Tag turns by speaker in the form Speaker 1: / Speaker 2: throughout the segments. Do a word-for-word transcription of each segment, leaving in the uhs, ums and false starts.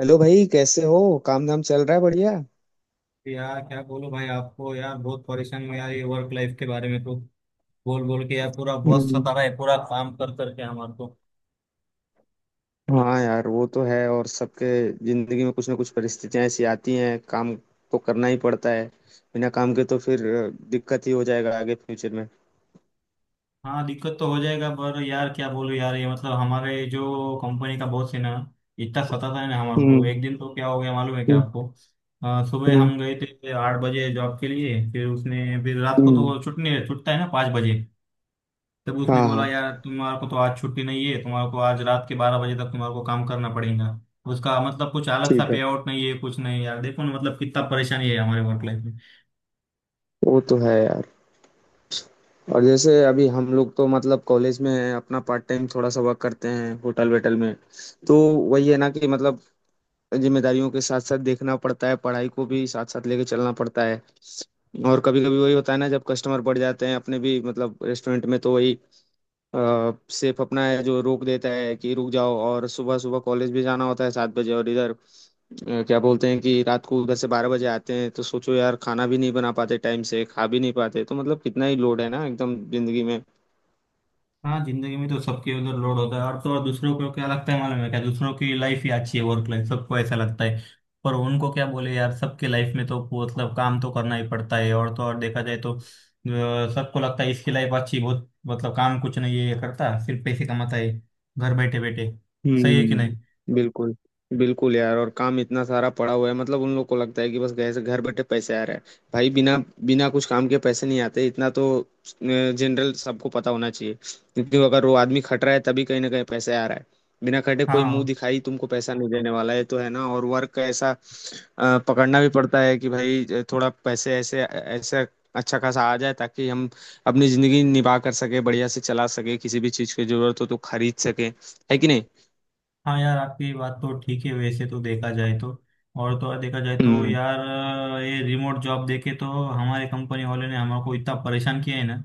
Speaker 1: Hello भाई, कैसे हो? काम धाम चल रहा है बढ़िया।
Speaker 2: यार क्या बोलो भाई आपको। यार बहुत परेशान हूँ यार, ये वर्क लाइफ के बारे में तो बोल बोल के यार पूरा बहुत
Speaker 1: हम्म।
Speaker 2: सता रहा है, पूरा काम कर करके हमारे को।
Speaker 1: हाँ यार, वो तो है। और सबके जिंदगी में कुछ ना कुछ परिस्थितियां ऐसी आती हैं, काम तो करना ही पड़ता है। बिना काम के तो फिर अ, दिक्कत ही हो जाएगा आगे फ्यूचर में।
Speaker 2: हाँ, दिक्कत तो हो जाएगा, पर यार क्या बोलूँ यार, ये मतलब हमारे जो कंपनी का बॉस है ना, इतना सताता है ना हमारे को।
Speaker 1: हम्म।
Speaker 2: एक दिन तो क्या हो गया मालूम है क्या
Speaker 1: हम्म।
Speaker 2: आपको? अ, सुबह
Speaker 1: हम्म।
Speaker 2: हम गए थे आठ बजे जॉब के लिए, फिर उसने, फिर रात को
Speaker 1: हम्म।
Speaker 2: तो छुट्टी छुटता है ना पाँच बजे। तब उसने
Speaker 1: हाँ
Speaker 2: बोला
Speaker 1: हाँ,
Speaker 2: यार तुम्हारे को तो आज छुट्टी नहीं है, तुम्हारे को आज रात के बारह बजे तक तुम्हारे को काम करना पड़ेगा। उसका मतलब कुछ अलग सा
Speaker 1: ठीक है।
Speaker 2: पे आउट नहीं है कुछ नहीं। यार देखो ना, मतलब कितना परेशानी है हमारे वर्क लाइफ।
Speaker 1: वो तो है यार। और जैसे अभी हम लोग तो मतलब कॉलेज में हैं, अपना पार्ट टाइम थोड़ा सा वर्क करते हैं होटल वेटल में। तो वही है ना कि मतलब, जिम्मेदारियों के साथ साथ देखना पड़ता है, पढ़ाई को भी साथ साथ लेके चलना पड़ता है। और कभी कभी वही होता है ना, जब कस्टमर बढ़ जाते हैं अपने भी मतलब रेस्टोरेंट में, तो वही सेफ अपना है जो रोक देता है कि रुक जाओ। और सुबह सुबह कॉलेज भी जाना होता है सात बजे, और इधर अ, क्या बोलते हैं कि रात को उधर से बारह बजे आते हैं। तो सोचो यार, खाना भी नहीं बना पाते टाइम से, खा भी नहीं पाते। तो मतलब कितना ही लोड है ना एकदम जिंदगी में।
Speaker 2: हाँ, जिंदगी में तो सबके उधर लोड होता है, और तो और दूसरों को क्या लगता है मालूम है क्या? दूसरों की लाइफ ही अच्छी है, वर्क लाइफ, सबको ऐसा लगता है। पर उनको क्या बोले यार, सबके लाइफ में तो मतलब काम तो करना ही पड़ता है। और तो और देखा जाए तो अ, सबको लगता है इसकी लाइफ अच्छी बहुत, मतलब काम कुछ नहीं है, ये करता सिर्फ पैसे कमाता है, घर बैठे बैठे। सही है कि नहीं?
Speaker 1: हम्म बिल्कुल। बिल्कुल यार, और काम इतना सारा पड़ा हुआ है, मतलब उन लोग को लगता है कि बस घर से घर बैठे पैसे आ रहे हैं। भाई बिना बिना कुछ काम के पैसे नहीं आते, इतना तो जनरल सबको पता होना चाहिए। क्योंकि अगर वो आदमी खट रहा है तभी कहीं ना कहीं पैसे आ रहा है। बिना खटे कोई मुंह
Speaker 2: हाँ
Speaker 1: दिखाई तुमको पैसा नहीं देने वाला है, तो है ना। और वर्क का ऐसा अ, पकड़ना भी पड़ता है कि भाई अ, थोड़ा पैसे ऐसे ऐसे अच्छा खासा आ जाए ताकि हम अपनी जिंदगी निभा कर सके, बढ़िया से चला सके, किसी भी चीज की जरूरत हो तो खरीद सके। है कि नहीं?
Speaker 2: हाँ, यार आपकी बात तो ठीक है, वैसे तो देखा जाए तो। और तो और देखा जाए तो
Speaker 1: हुँ।
Speaker 2: यार, ये रिमोट जॉब देके तो हमारे कंपनी वाले ने हमको इतना परेशान किया है ना।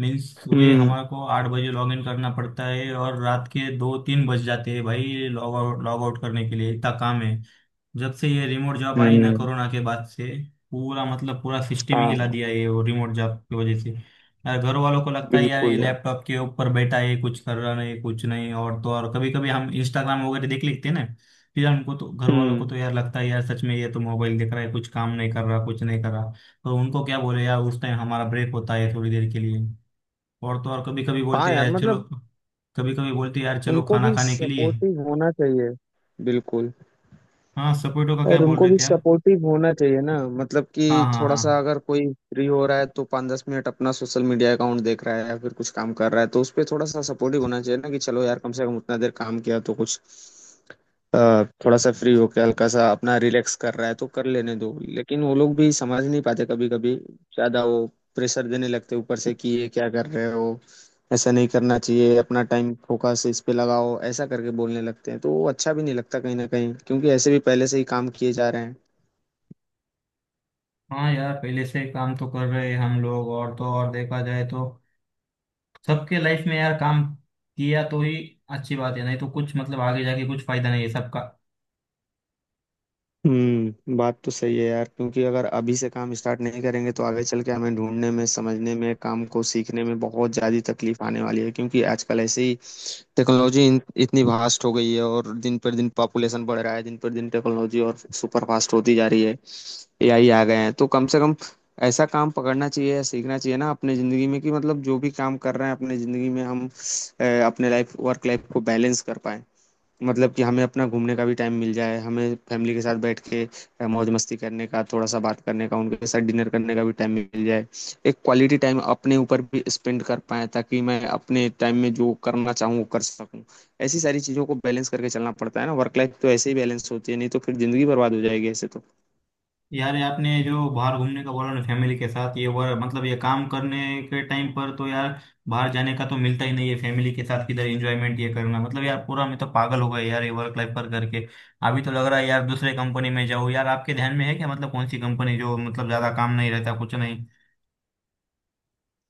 Speaker 2: मीन्स सुबह
Speaker 1: हुँ।
Speaker 2: हमारे को आठ बजे लॉग इन करना पड़ता है, और रात के दो तीन बज जाते हैं भाई, लॉग आउट, लॉग आउट करने के लिए इतना काम है। जब से ये रिमोट जॉब आई ना
Speaker 1: हुँ।
Speaker 2: कोरोना के बाद से, पूरा मतलब पूरा सिस्टम ही हिला
Speaker 1: हाँ,
Speaker 2: दिया है ये वो रिमोट जॉब की वजह से। यार घर वालों को लगता है यार ये
Speaker 1: बिल्कुल यार।
Speaker 2: लैपटॉप के ऊपर बैठा है, कुछ कर रहा नहीं कुछ नहीं, और तो और कभी कभी हम इंस्टाग्राम वगैरह देख लेते हैं ना। फिर हमको तो, घर वालों को
Speaker 1: हुँ,
Speaker 2: तो यार लगता है यार सच में ये तो मोबाइल देख रहा है, कुछ काम नहीं कर रहा कुछ नहीं कर रहा। तो उनको क्या बोले यार, उस टाइम हमारा ब्रेक होता है थोड़ी देर के लिए। और तो और कभी कभी
Speaker 1: हाँ
Speaker 2: बोलते हैं
Speaker 1: यार
Speaker 2: यार चलो,
Speaker 1: मतलब
Speaker 2: कभी कभी बोलते हैं यार चलो
Speaker 1: उनको
Speaker 2: खाना
Speaker 1: भी
Speaker 2: खाने के लिए।
Speaker 1: सपोर्टिव होना चाहिए, बिल्कुल।
Speaker 2: हाँ, सपोर्टो का क्या
Speaker 1: और
Speaker 2: बोल
Speaker 1: उनको
Speaker 2: रहे
Speaker 1: भी
Speaker 2: थे आप?
Speaker 1: सपोर्टिव होना चाहिए ना, मतलब
Speaker 2: हाँ
Speaker 1: कि
Speaker 2: हाँ
Speaker 1: थोड़ा सा
Speaker 2: हाँ।
Speaker 1: अगर कोई फ्री हो रहा है तो पाँच दस मिनट अपना सोशल मीडिया अकाउंट देख रहा है या फिर कुछ काम कर रहा है, तो उस पे थोड़ा सा सपोर्टिव होना चाहिए ना कि चलो यार, कम से कम उतना देर काम किया तो कुछ अ, थोड़ा सा फ्री होके हल्का सा अपना रिलैक्स कर रहा है तो कर लेने दो। लेकिन वो लोग भी समझ नहीं पाते कभी कभी, ज्यादा वो प्रेशर देने लगते ऊपर से कि ये क्या कर रहे हो, ऐसा नहीं करना चाहिए, अपना टाइम फोकस इस पे लगाओ, ऐसा करके बोलने लगते हैं। तो वो अच्छा भी नहीं लगता कहीं ना कहीं, क्योंकि ऐसे भी पहले से ही काम किए जा रहे हैं।
Speaker 2: हाँ यार पहले से काम तो कर रहे हैं हम लोग, और तो और देखा जाए तो सबके लाइफ में यार काम किया तो ही अच्छी बात है, नहीं तो कुछ मतलब आगे जाके कुछ फायदा नहीं है सबका।
Speaker 1: हम्म बात तो सही है यार, क्योंकि अगर अभी से काम स्टार्ट नहीं करेंगे तो आगे चल के हमें ढूंढने में, समझने में, काम को सीखने में बहुत ज़्यादा तकलीफ आने वाली है। क्योंकि आजकल ऐसे ही टेक्नोलॉजी इन- इतनी वास्ट हो गई है, और दिन पर दिन पॉपुलेशन बढ़ रहा है, दिन पर दिन टेक्नोलॉजी और सुपर फास्ट होती जा रही है। ए आई आ गए हैं, तो कम से कम ऐसा काम पकड़ना चाहिए या सीखना चाहिए ना अपने ज़िंदगी में, कि मतलब जो भी काम कर रहे हैं अपने ज़िंदगी में हम अ, अपने लाइफ वर्क लाइफ को बैलेंस कर पाए। मतलब कि हमें अपना घूमने का भी टाइम मिल जाए, हमें फैमिली के साथ बैठ के अ, मौज मस्ती करने का, थोड़ा सा बात करने का उनके साथ, डिनर करने का भी टाइम मिल जाए। एक क्वालिटी टाइम अपने ऊपर भी स्पेंड कर पाए ताकि मैं अपने टाइम में जो करना चाहूँ वो कर सकूँ। ऐसी सारी चीज़ों को बैलेंस करके चलना पड़ता है ना। वर्क लाइफ तो ऐसे ही बैलेंस होती है, नहीं तो फिर जिंदगी बर्बाद हो जाएगी ऐसे तो।
Speaker 2: यार ये आपने जो बाहर घूमने का बोला ना फैमिली के साथ, ये वर मतलब ये काम करने के टाइम पर तो यार बाहर जाने का तो मिलता ही नहीं है फैमिली के साथ, किधर एंजॉयमेंट ये करना मतलब, यार पूरा मैं तो पागल हो गया यार ये वर्क लाइफ पर करके। अभी तो लग रहा है यार दूसरे कंपनी में जाऊँ यार, आपके ध्यान में है क्या मतलब कौन सी कंपनी जो मतलब ज्यादा काम नहीं रहता कुछ नहीं,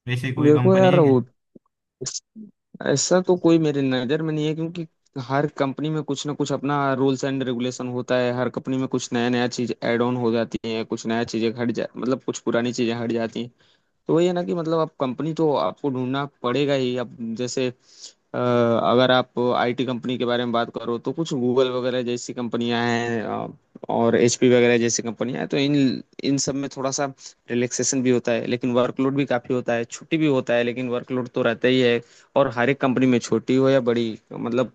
Speaker 2: वैसे कोई
Speaker 1: देखो
Speaker 2: कंपनी
Speaker 1: यार,
Speaker 2: है क्या?
Speaker 1: वो इस- ऐसा तो कोई मेरे नज़र में नहीं है, क्योंकि हर कंपनी में कुछ ना कुछ अपना रूल्स एंड रेगुलेशन होता है। हर कंपनी में कुछ नया नया चीज ऐड ऑन हो जाती है, कुछ नया चीजें हट जा मतलब कुछ पुरानी चीजें हट जाती हैं। तो वही है ना कि मतलब अब कंपनी तो आपको ढूंढना पड़ेगा ही। अब जैसे अ, अगर आप आई टी कंपनी के बारे में बात करो तो कुछ गूगल वगैरह जैसी कंपनियां हैं अ, और एच पी वगैरह जैसी कंपनियां हैं। तो इन इन सब में थोड़ा सा रिलैक्सेशन भी होता है, लेकिन वर्कलोड भी काफी होता है। छुट्टी भी होता है लेकिन वर्कलोड तो रहता ही है। और हर एक कंपनी में छोटी हो या बड़ी, मतलब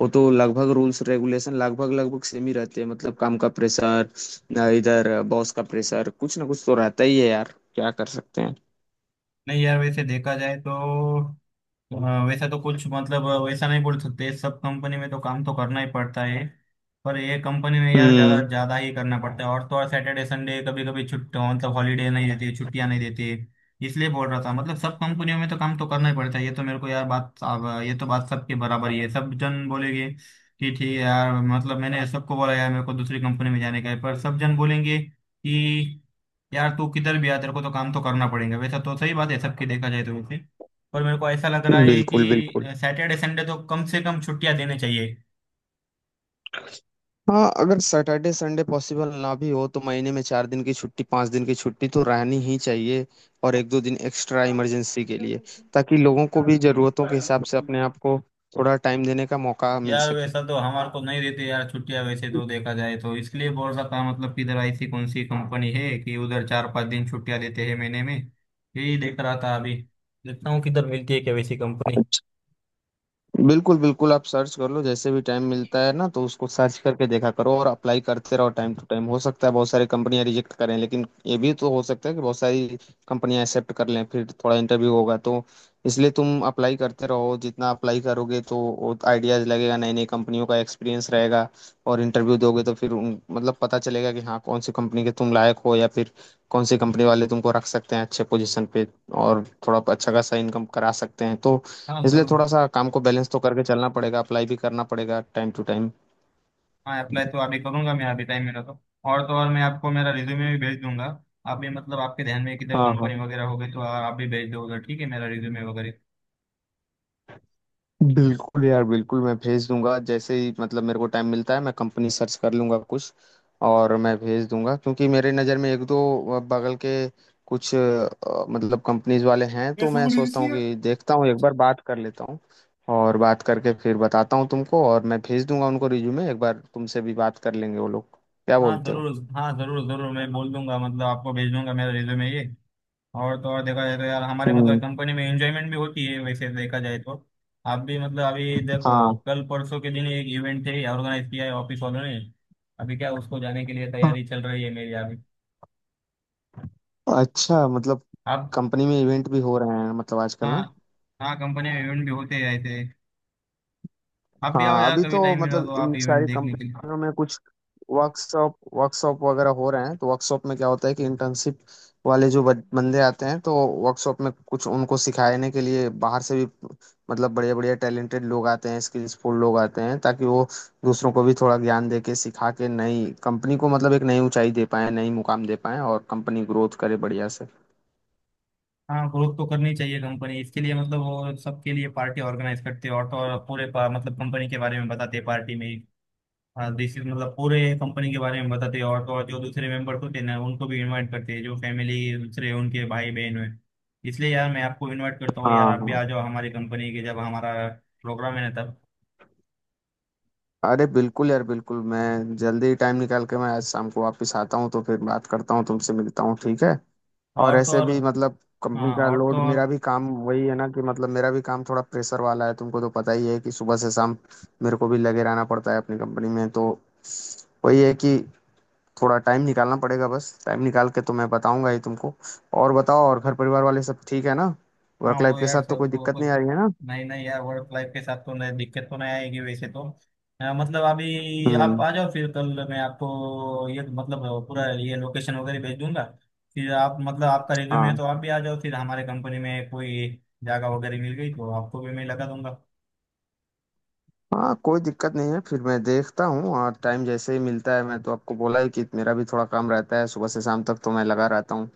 Speaker 1: वो तो लगभग रूल्स रेगुलेशन लगभग लगभग सेम ही रहते हैं। मतलब काम का प्रेशर, इधर बॉस का प्रेशर, कुछ ना कुछ तो रहता ही है यार, क्या कर सकते हैं।
Speaker 2: नहीं यार, वैसे देखा जाए तो हाँ, वैसा तो कुछ मतलब वैसा नहीं बोल सकते, सब कंपनी में तो काम तो करना ही पड़ता है। पर ये कंपनी में यार ज्यादा
Speaker 1: हम्म
Speaker 2: ज्यादा ही करना पड़ता है, और तो और सैटरडे संडे कभी कभी छुट्टी मतलब हॉलीडे नहीं देते, छुट्टियां नहीं देते। इसलिए बोल रहा था मतलब सब कंपनियों में तो काम तो करना ही पड़ता है, ये तो मेरे को यार बात, अब ये तो बात सबके बराबर ही है। सब जन बोलेंगे कि ठीक है यार, मतलब मैंने सबको बोला यार मेरे को दूसरी कंपनी में जाने का है, पर सब जन बोलेंगे कि यार तू किधर भी आ तेरे को तो काम तो करना पड़ेगा, वैसा तो सही बात है सबकी, देखा जाए तो वैसे। और मेरे को ऐसा लग रहा है कि
Speaker 1: बिल्कुल, बिल्कुल।
Speaker 2: सैटरडे संडे तो कम से कम छुट्टियां देने चाहिए।
Speaker 1: हाँ, अगर सैटरडे संडे पॉसिबल ना भी हो तो महीने में चार दिन की छुट्टी, पांच दिन की छुट्टी तो रहनी ही चाहिए। और एक दो दिन एक्स्ट्रा इमरजेंसी के लिए, ताकि लोगों को भी जरूरतों के हिसाब से अपने आप को थोड़ा टाइम देने का मौका मिल
Speaker 2: यार
Speaker 1: सके।
Speaker 2: वैसा तो हमारे को नहीं देते यार छुट्टियां, वैसे तो देखा जाए तो इसलिए बोल रहा था मतलब कि इधर ऐसी कौन सी कंपनी है कि उधर चार पांच दिन छुट्टियां देते हैं महीने में, यही देख रहा था अभी, देखता हूँ किधर मिलती है क्या वैसी कंपनी।
Speaker 1: बिल्कुल बिल्कुल, आप सर्च कर लो जैसे भी टाइम मिलता है ना, तो उसको सर्च करके देखा करो और अप्लाई करते रहो टाइम टू टाइम। हो सकता है बहुत सारी कंपनियां रिजेक्ट करें, लेकिन ये भी तो हो सकता है कि बहुत सारी कंपनियां एक्सेप्ट कर लें। फिर थोड़ा इंटरव्यू होगा तो, इसलिए तुम अप्लाई करते रहो। जितना अप्लाई करोगे तो आइडियाज लगेगा, नई नई कंपनियों का एक्सपीरियंस रहेगा। और इंटरव्यू दोगे तो फिर उन- मतलब पता चलेगा कि हाँ कौन सी कंपनी के तुम लायक हो या फिर कौन सी कंपनी वाले तुमको रख सकते हैं अच्छे पोजीशन पे, और थोड़ा अच्छा खासा इनकम करा सकते हैं तो।
Speaker 2: हाँ
Speaker 1: इसलिए
Speaker 2: जरूर।
Speaker 1: थोड़ा सा काम को बैलेंस तो करके चलना पड़ेगा, अप्लाई भी करना पड़ेगा टाइम टू टाइम।
Speaker 2: हाँ, अप्लाई तो अभी करूंगा मैं, अभी टाइम मिला तो। और तो और मैं आपको मेरा रिज्यूमे भी भेज दूंगा। आप भी मतलब आपके ध्यान में किधर
Speaker 1: हाँ हाँ,
Speaker 2: कंपनी वगैरह हो गई तो आप भी भेज दो उधर, ठीक है, मेरा रिज्यूमे वगैरह।
Speaker 1: बिल्कुल यार बिल्कुल, मैं भेज दूंगा जैसे ही मतलब मेरे को टाइम मिलता है, मैं कंपनी सर्च कर लूंगा कुछ और मैं भेज दूंगा। क्योंकि मेरे नज़र में एक दो बगल के कुछ अ, मतलब कंपनीज वाले हैं, तो मैं सोचता हूँ कि देखता हूँ एक बार बात कर लेता हूँ। और बात करके फिर बताता हूँ तुमको, और मैं भेज दूंगा उनको रिज्यूमे। एक बार तुमसे भी बात कर लेंगे वो लोग, क्या
Speaker 2: हाँ
Speaker 1: बोलते हो?
Speaker 2: जरूर, हाँ जरूर जरूर, मैं बोल दूंगा मतलब आपको भेज दूंगा मेरा रिज्यूमे ये। और तो और देखा जाए तो यार हमारे मतलब
Speaker 1: हम्म।
Speaker 2: कंपनी में एंजॉयमेंट भी होती है वैसे देखा जाए तो। आप भी मतलब अभी देखो,
Speaker 1: हाँ,
Speaker 2: कल परसों के दिन एक इवेंट है, ऑर्गेनाइज किया है ऑफिस वालों ने। अभी क्या उसको जाने के लिए तैयारी चल रही है मेरी अभी।
Speaker 1: अच्छा, मतलब
Speaker 2: आप,
Speaker 1: कंपनी में इवेंट भी हो रहे हैं मतलब आजकल
Speaker 2: हाँ
Speaker 1: ना?
Speaker 2: हाँ, कंपनी में इवेंट भी होते हैं ऐसे। आप भी आओ
Speaker 1: हाँ,
Speaker 2: यार
Speaker 1: अभी
Speaker 2: कभी
Speaker 1: तो
Speaker 2: टाइम मिला
Speaker 1: मतलब
Speaker 2: तो आप
Speaker 1: इन
Speaker 2: इवेंट
Speaker 1: सारी
Speaker 2: देखने के
Speaker 1: कंपनियों में कुछ वर्कशॉप वर्कशॉप वगैरह हो रहे हैं, तो वर्कशॉप में क्या होता है कि
Speaker 2: लिए।
Speaker 1: इंटर्नशिप वाले जो बन- बंदे आते हैं, तो वर्कशॉप में कुछ उनको सिखाने के लिए बाहर से भी मतलब बढ़िया बढ़िया टैलेंटेड लोग आते हैं, स्किल्सफुल लोग आते हैं ताकि वो दूसरों को भी थोड़ा ज्ञान दे के, सिखा के नई कंपनी को मतलब एक नई ऊंचाई दे पाए, नई मुकाम दे पाए और कंपनी ग्रोथ करे बढ़िया से।
Speaker 2: हाँ, ग्रोथ तो करनी चाहिए कंपनी, इसके लिए मतलब वो सबके लिए पार्टी ऑर्गेनाइज करते हैं, और तो और पूरे पा- मतलब कंपनी के बारे में बताते हैं पार्टी में। हाँ दिस इज मतलब पूरे कंपनी के बारे में बताते हैं, और तो और जो दूसरे मेंबर्स होते हैं ना उनको भी इनवाइट करते हैं जो फैमिली, दूसरे उनके भाई बहन हैं। इसलिए यार मैं आपको इनवाइट करता हूँ यार,
Speaker 1: हाँ
Speaker 2: आप भी
Speaker 1: हाँ,
Speaker 2: आ जाओ हमारी कंपनी के जब हमारा प्रोग्राम है ना तब।
Speaker 1: अरे बिल्कुल यार बिल्कुल, मैं जल्दी टाइम निकाल के मैं आज शाम को वापस आता हूँ तो फिर बात करता हूँ तुमसे, मिलता हूँ, ठीक है? और
Speaker 2: और तो
Speaker 1: ऐसे
Speaker 2: और,
Speaker 1: भी मतलब कंपनी
Speaker 2: हाँ,
Speaker 1: का
Speaker 2: और तो
Speaker 1: लोड, मेरा
Speaker 2: और,
Speaker 1: भी काम वही है ना कि मतलब मेरा भी काम थोड़ा प्रेशर वाला है। तुमको तो पता ही है कि सुबह से शाम मेरे को भी लगे रहना पड़ता है अपनी कंपनी में। तो वही है कि थोड़ा टाइम निकालना पड़ेगा, बस टाइम निकाल के तो मैं बताऊंगा ही तुमको। और बताओ, और घर परिवार वाले सब ठीक है ना?
Speaker 2: हाँ
Speaker 1: वर्क
Speaker 2: वो
Speaker 1: लाइफ के
Speaker 2: यार
Speaker 1: साथ तो
Speaker 2: सब
Speaker 1: कोई
Speaker 2: तो
Speaker 1: दिक्कत
Speaker 2: कुछ
Speaker 1: नहीं आ रही है ना?
Speaker 2: नहीं, नहीं यार वर्क लाइफ के साथ तो नहीं, दिक्कत तो नहीं आएगी वैसे तो। अ, मतलब अभी आप
Speaker 1: हम्म।
Speaker 2: आ जाओ, फिर कल मैं आपको ये मतलब पूरा ये लोकेशन वगैरह भेज दूंगा। फिर आप मतलब आपका रिज्यूमे है
Speaker 1: हाँ
Speaker 2: तो आप भी आ जाओ, फिर हमारे कंपनी में कोई जगह वगैरह मिल गई तो आपको भी मैं लगा दूंगा।
Speaker 1: हाँ, कोई दिक्कत नहीं है। फिर मैं देखता हूँ और टाइम जैसे ही मिलता है, मैं तो आपको बोला ही कि मेरा भी थोड़ा काम रहता है सुबह से शाम तक, तो मैं लगा रहता हूँ।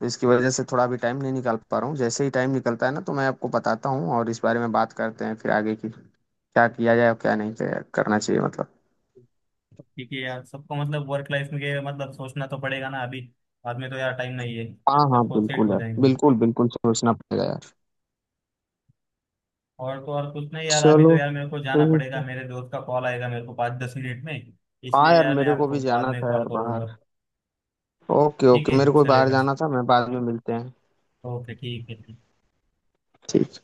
Speaker 1: तो इसकी वजह से थोड़ा भी टाइम नहीं निकाल पा रहा हूँ। जैसे ही टाइम निकलता है ना, तो मैं आपको बताता हूँ, और इस बारे में बात करते हैं फिर आगे की, क्या किया जाए और क्या नहीं किया करना चाहिए मतलब।
Speaker 2: ठीक है यार, सबको मतलब वर्क लाइफ में के मतलब सोचना तो पड़ेगा ना अभी, बाद में तो यार टाइम नहीं है,
Speaker 1: हाँ हाँ
Speaker 2: सबको सेट
Speaker 1: बिल्कुल
Speaker 2: हो
Speaker 1: यार,
Speaker 2: जाएगा।
Speaker 1: बिल्कुल बिल्कुल सोचना पड़ेगा यार।
Speaker 2: और तो और कुछ नहीं यार, अभी तो
Speaker 1: चलो,
Speaker 2: यार मेरे को जाना
Speaker 1: ठीक
Speaker 2: पड़ेगा,
Speaker 1: है।
Speaker 2: मेरे दोस्त का कॉल आएगा मेरे को पाँच दस मिनट में। इसलिए
Speaker 1: हाँ यार,
Speaker 2: यार मैं
Speaker 1: मेरे को भी
Speaker 2: आपको बाद
Speaker 1: जाना
Speaker 2: में
Speaker 1: था
Speaker 2: कॉल
Speaker 1: यार बाहर।
Speaker 2: करूंगा।
Speaker 1: ओके
Speaker 2: ठीक
Speaker 1: ओके,
Speaker 2: है,
Speaker 1: मेरे को भी बाहर
Speaker 2: चलेगा।
Speaker 1: जाना था, मैं बाद में मिलते हैं।
Speaker 2: ओके ठीक है।
Speaker 1: ठीक